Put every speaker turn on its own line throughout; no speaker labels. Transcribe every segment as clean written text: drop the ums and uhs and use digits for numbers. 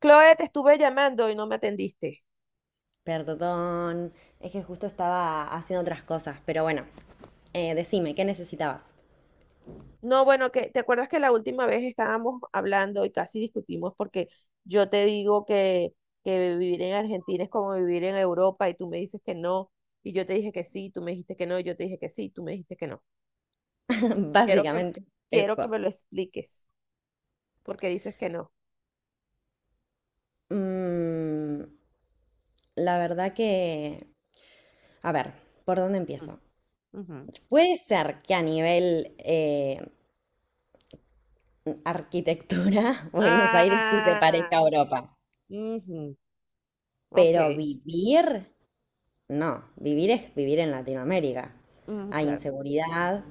Chloe, te estuve llamando y no me atendiste.
Perdón, es que justo estaba haciendo otras cosas, pero bueno, decime, ¿qué necesitabas?
No, bueno, que te acuerdas que la última vez estábamos hablando y casi discutimos porque yo te digo que vivir en Argentina es como vivir en Europa y tú me dices que no, y yo te dije que sí, tú me dijiste que no, y yo te dije que sí, tú me dijiste que no. Quiero que,
Básicamente
Quiero que
eso.
me lo expliques porque dices que no.
Mm, la verdad que, a ver, ¿por dónde
Mm,
empiezo?
ujú.
Puede ser que a nivel arquitectura Buenos Aires sí se
Ah,
parezca a Europa,
ujú, ok,
pero vivir, no, vivir es vivir en Latinoamérica.
mm,
Hay
claro.
inseguridad,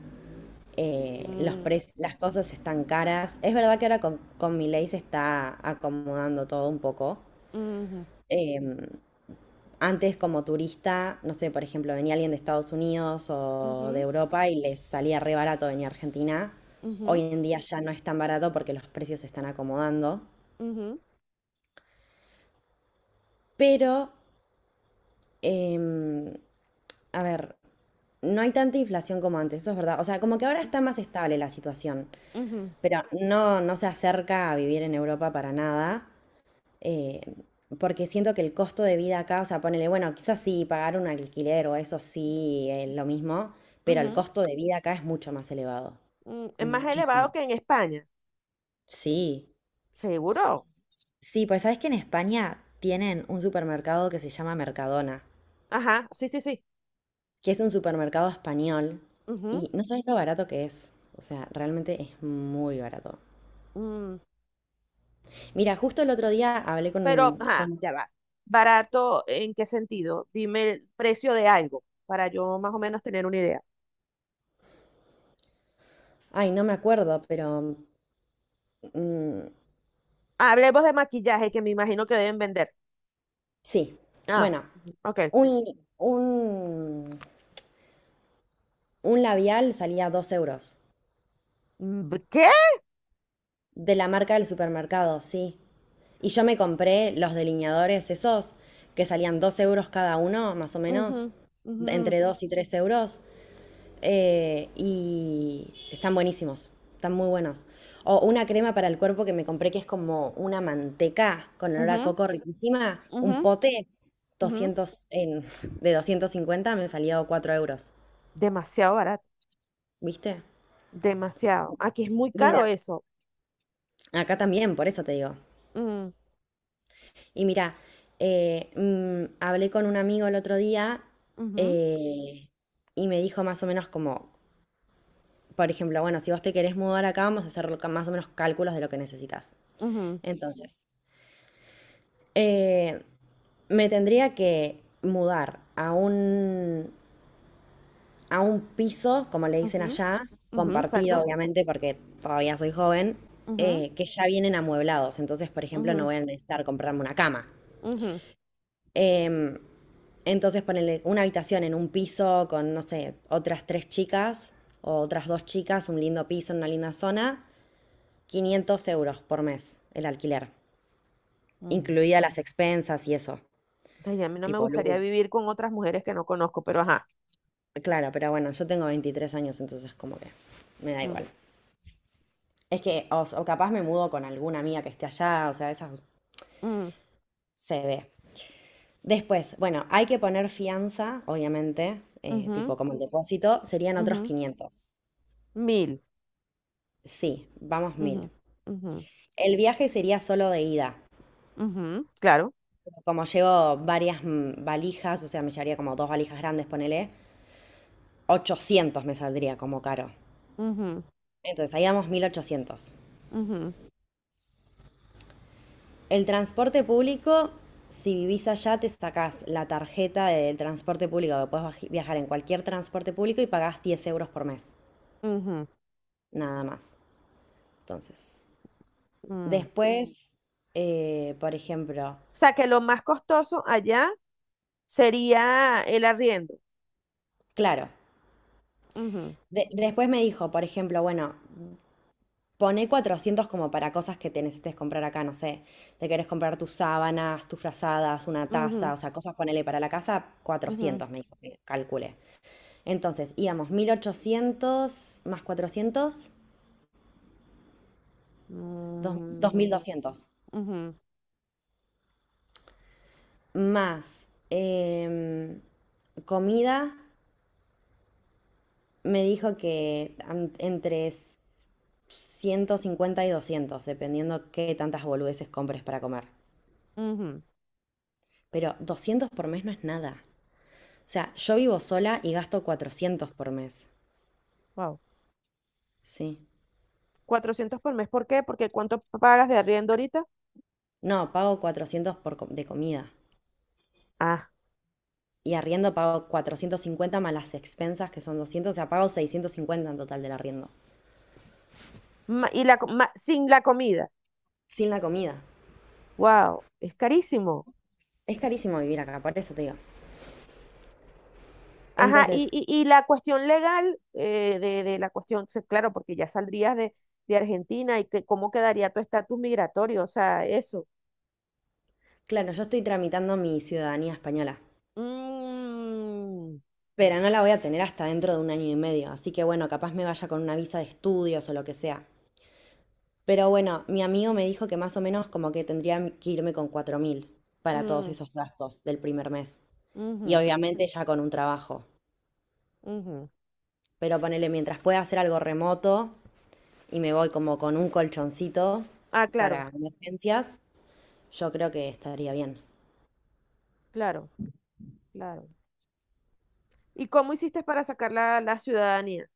los
Mm,
las cosas están caras. Es verdad que ahora con Milei se está acomodando todo un poco.
ujú,
Em, Antes como turista, no sé, por ejemplo, venía alguien de Estados Unidos o de
ujú,
Europa y les salía re barato venir a Argentina. Hoy
ujú,
en día ya no es tan barato porque los precios se están acomodando.
ujú,
Pero, em, a ver, no hay tanta inflación como antes, eso es verdad. O sea, como que ahora está más estable la situación,
ujú, ujú,
pero no, no se acerca a vivir en Europa para nada, eh, porque siento que el costo de vida acá, o sea, ponele, bueno, quizás sí, pagar un alquiler o eso sí es lo mismo, pero el
ujú.
costo de vida acá es mucho más elevado.
Mm, es más elevado
Muchísimo.
que en España.
Sí.
Seguro.
Sí, pues sabes que en España tienen un supermercado que se llama Mercadona,
Ajá, sí, sí, sí.
que es un supermercado español
Ujú,
y no sabes lo barato que es. O sea, realmente es muy barato.
mm,
Mira, justo el otro día hablé
pero, ajá, ya va. ¿Barato en qué sentido? Dime el precio de algo para yo más o menos tener una idea.
ay, no me acuerdo, pero mm,
Hablemos de maquillaje que me imagino que deben vender.
sí,
Ah,
bueno,
ujú, ok.
un, un, un labial salía 2 euros.
Mm, ¿qué?
De la marca del supermercado, sí. Y yo me compré los delineadores esos que salían 2 euros cada uno, más o
Ujú,
menos,
ujú,
entre 2 y 3 euros. Y están buenísimos, están muy buenos. O una crema para el cuerpo que me compré que es como una manteca con olor a
ujú,
coco riquísima, un
ujú,
pote
ujú.
doscientos en, de 250 me salió 4 euros.
Demasiado barato,
¿Viste?
demasiado. Aquí es muy caro
Mira,
eso.
acá también, por eso te digo.
Mm,
Y mira, hablé con un amigo el otro día,
ujú,
eh, y me dijo más o menos como, por ejemplo, bueno, si vos te querés mudar acá, vamos a hacer más o menos cálculos de lo que necesitas.
ujú,
Entonces, eh, me tendría que mudar a un piso, como le dicen
ujú,
allá,
ujú,
compartido,
exacto.
obviamente, porque todavía soy joven,
Ujú,
que ya vienen amueblados. Entonces, por ejemplo, no
ujú,
voy a necesitar comprarme una cama.
ujú,
Em, entonces ponerle una habitación en un piso con, no sé, otras tres chicas o otras dos chicas, un lindo piso en una linda zona, 500 euros por mes el alquiler,
ujú.
incluida las expensas y eso,
Ay, a mí no me
tipo
gustaría
luz.
vivir con otras mujeres que no conozco, pero ajá.
Claro, pero bueno, yo tengo 23 años, entonces como que me da
Mm,
igual. Es que, o capaz me mudo con alguna amiga que esté allá, o sea, esa
mm,
se ve. Después, bueno, hay que poner fianza, obviamente,
ujú,
tipo como el depósito, serían otros
ujú,
500.
mil.
Sí, vamos 1000.
Ujú, ujú,
El viaje sería solo de ida.
ujú, claro.
Como llevo varias valijas, o sea, me llevaría como dos valijas grandes, ponele, 800 me saldría como caro.
Ujú,
Entonces, ahí vamos 1800.
ujú,
El transporte público, si vivís allá, te sacás la tarjeta del transporte público, que puedes viajar en cualquier transporte público y pagás 10 euros por mes, nada más. Entonces,
ujú, mm.
después, por ejemplo,
O sea, que lo más costoso allá sería el arriendo.
claro,
Ujú,
después me dijo, por ejemplo, bueno, poné 400 como para cosas que te necesites comprar acá, no sé. Te querés comprar tus sábanas, tus frazadas, una
ujú,
taza, o sea, cosas, ponele para la casa,
ujú,
400, me dijo que calcule. Entonces, íbamos 1800 más 400,
mm,
2200.
ujú,
Más comida, me dijo que entre 150 y 200, dependiendo qué tantas boludeces compres para comer.
ujú.
Pero 200 por mes no es nada. O sea, yo vivo sola y gasto 400 por mes.
Wow.
Sí.
Cuatrocientos por mes. ¿Por qué? Porque ¿cuánto pagas de arriendo ahorita?
No, pago 400 de comida.
Ah,
Y arriendo pago 450 más las expensas que son 200. O sea, pago 650 en total del arriendo.
sin la comida.
Sin la comida.
Wow, es carísimo.
Es carísimo vivir acá, por eso te digo.
Ajá,
Entonces,
y la cuestión legal de la claro, porque ya saldrías de Argentina y que, cómo quedaría tu estatus migratorio, o sea, eso.
claro, yo estoy tramitando mi ciudadanía española.
Mm,
Pero no la voy a tener hasta dentro de un año y medio. Así que bueno, capaz me vaya con una visa de estudios o lo que sea. Pero bueno, mi amigo me dijo que más o menos como que tendría que irme con 4000 para todos
mm,
esos gastos del primer mes. Y
ujú,
obviamente ya con un trabajo.
ujú.
Pero ponele, mientras pueda hacer algo remoto y me voy como con un colchoncito
Ah, claro,
para emergencias, yo creo que estaría bien.
claro, claro. ¿Y cómo hiciste para sacar la ciudadanía?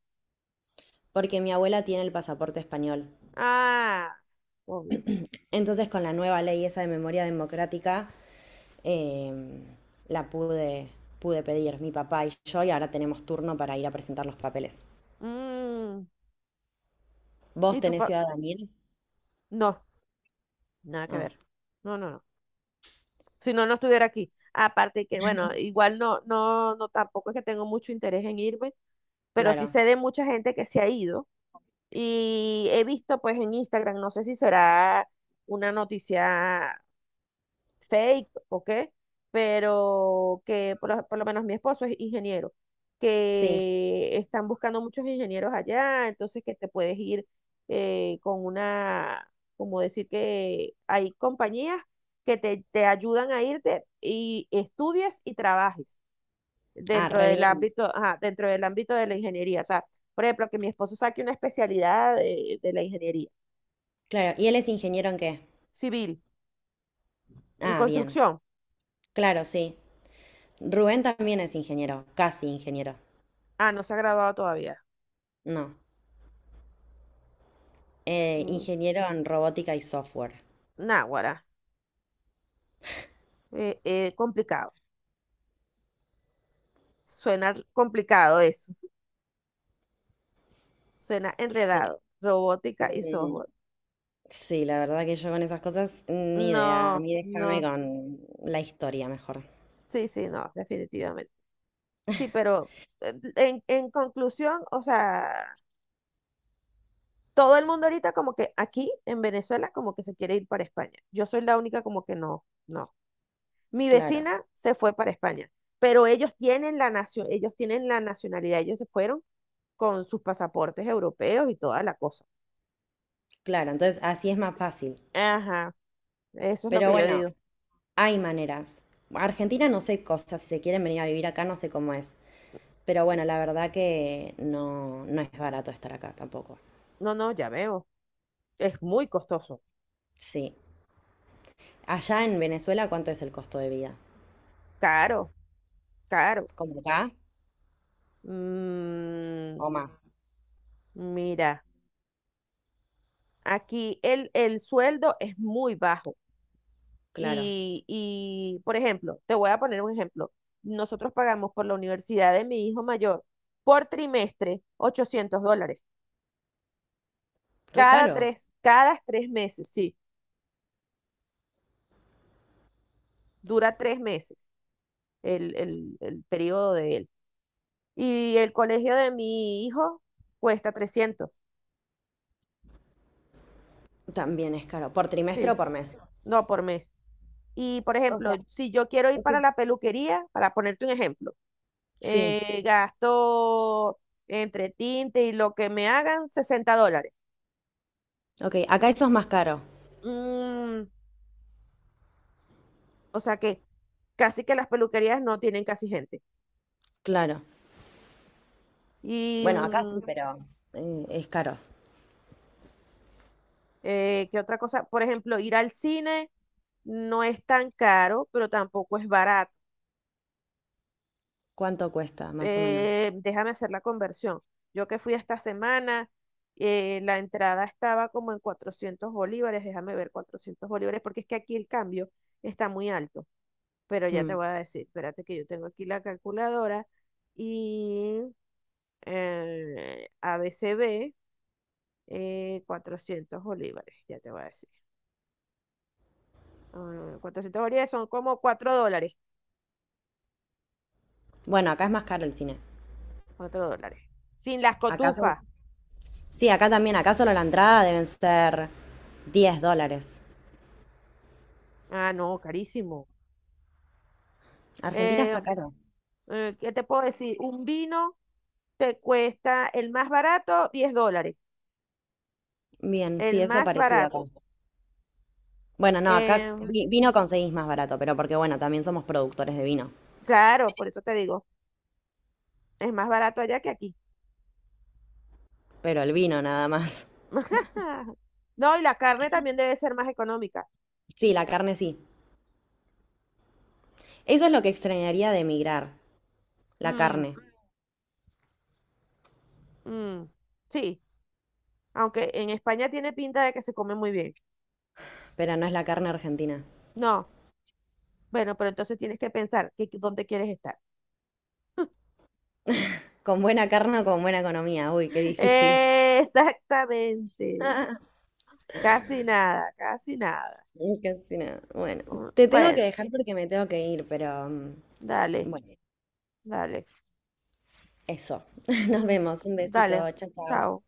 Porque mi abuela tiene el pasaporte español.
Ah, obvio.
Entonces con la nueva ley esa de memoria democrática, em, la pude, pude pedir mi papá y yo y ahora tenemos turno para ir a presentar los papeles.
Mm,
¿Vos
¿y tu
tenés
pa-
ciudadanía?
no, nada que
Ah,
ver. No, no, no. Si no, no estuviera aquí. Aparte que, bueno, igual no, no, no, tampoco es que tengo mucho interés en irme, pero sí
claro.
sé de mucha gente que se ha ido y he visto pues en Instagram, no sé si será una noticia fake o qué, pero que por lo menos mi esposo es ingeniero,
Sí.
que están buscando muchos ingenieros allá, entonces que te puedes ir eh, con una, como decir que hay compañías te ayudan a irte y estudies y trabajes
Ah,
dentro
re
del
bien.
ámbito, ajá, dentro del ámbito de la ingeniería. O sea, por ejemplo, que mi esposo saque una especialidad de la ingeniería
Claro. ¿Y él es ingeniero en qué?
civil, en
Ah, bien.
construcción.
Claro, sí. Rubén también es ingeniero, casi ingeniero.
Ah, no se ha graduado todavía.
No.
Mm,
Ingeniero en robótica y software.
náguara, complicado. Suena complicado eso. Suena
Sí.
enredado. Robótica y
Mm,
software.
Sí, la verdad que yo con esas cosas ni idea. A
No,
mí déjame
no.
con la historia mejor.
Sí, sí, no, definitivamente. Sí, pero en conclusión, o sea, todo el mundo ahorita como que aquí en Venezuela como que se quiere ir para España. Yo soy la única como que no, no. Mi
Claro,
vecina se fue para España, pero ellos tienen la ellos tienen la nacionalidad, ellos se fueron con sus pasaportes europeos y toda la cosa.
claro. Entonces así es más fácil.
Ajá, eso es lo
Pero
que yo
bueno,
digo.
hay maneras. Argentina no sé cosas. Si se quieren venir a vivir acá, no sé cómo es. Pero bueno, la verdad que no, no es barato estar acá tampoco.
No, no, ya veo. Es muy costoso,
Sí. Allá en Venezuela, ¿cuánto es el costo de vida?
caro, caro.
¿Como acá
Mm,
o más?
mira, aquí el sueldo es muy bajo.
Claro.
Por ejemplo, te voy a poner un ejemplo. Nosotros pagamos por la universidad de mi hijo mayor por trimestre 800 dólares.
Re caro.
Cada tres meses, sí, dura tres meses el periodo de él. Y el colegio de mi hijo cuesta trescientos,
También es caro. ¿Por trimestre o
sí,
por mes?
no por mes. Y, por
O
ejemplo,
sea,
si yo quiero ir
ok.
para la peluquería, para ponerte un ejemplo,
Sí,
gasto entre tinte y lo que me hagan 60 dólares.
ok. Acá eso es más caro.
Mm, o sea que casi que las peluquerías no tienen casi gente.
Claro.
Y
Bueno, acá sí,
mm,
pero es caro.
qué otra cosa, por ejemplo, ir al cine no es tan caro, pero tampoco es barato.
¿Cuánto cuesta, más o menos?
Déjame hacer la conversión. Yo que fui esta semana, la entrada estaba como en 400 bolívares, déjame ver, 400 bolívares, porque es que aquí el cambio está muy alto. Pero ya te
Hmm.
voy a decir, espérate que yo tengo aquí la calculadora y ABCB. 400 bolívares, ya te voy a decir. Ah, 400 bolívares son como 4 dólares.
Bueno, acá es más caro el cine.
Cuatro dólares. Sin las
Acá son.
cotufas.
Sí, acá también. Acá solo la entrada deben ser 10 dólares.
Ah, no, carísimo.
Argentina
Eh,
está caro.
¿Qué te puedo decir? Un vino te cuesta el más barato 10 dólares.
Bien,
El
sí, eso
más
parecido acá.
barato.
Bueno, no, acá
Eh,
vino conseguís más barato, pero porque bueno, también somos productores de vino.
claro, por eso te digo, es más barato allá que aquí.
Pero el vino nada más.
No, y la carne también debe ser más económica.
Sí, la carne sí. Eso es lo que extrañaría de emigrar, la
Mm,
carne.
mm, sí, aunque en España tiene pinta de que se come muy bien.
Pero no es la carne argentina.
No, bueno, pero entonces tienes que pensar dónde quieres estar.
Con buena carne o con buena economía. Uy, qué difícil.
Exactamente. Casi nada, casi nada.
Casi nada. Bueno,
Mm,
te tengo que
bueno,
dejar porque me tengo que ir, pero
dale,
bueno,
dale.
eso. Nos
Mm,
vemos. Un besito.
dale,
Chao,
chao.
chao.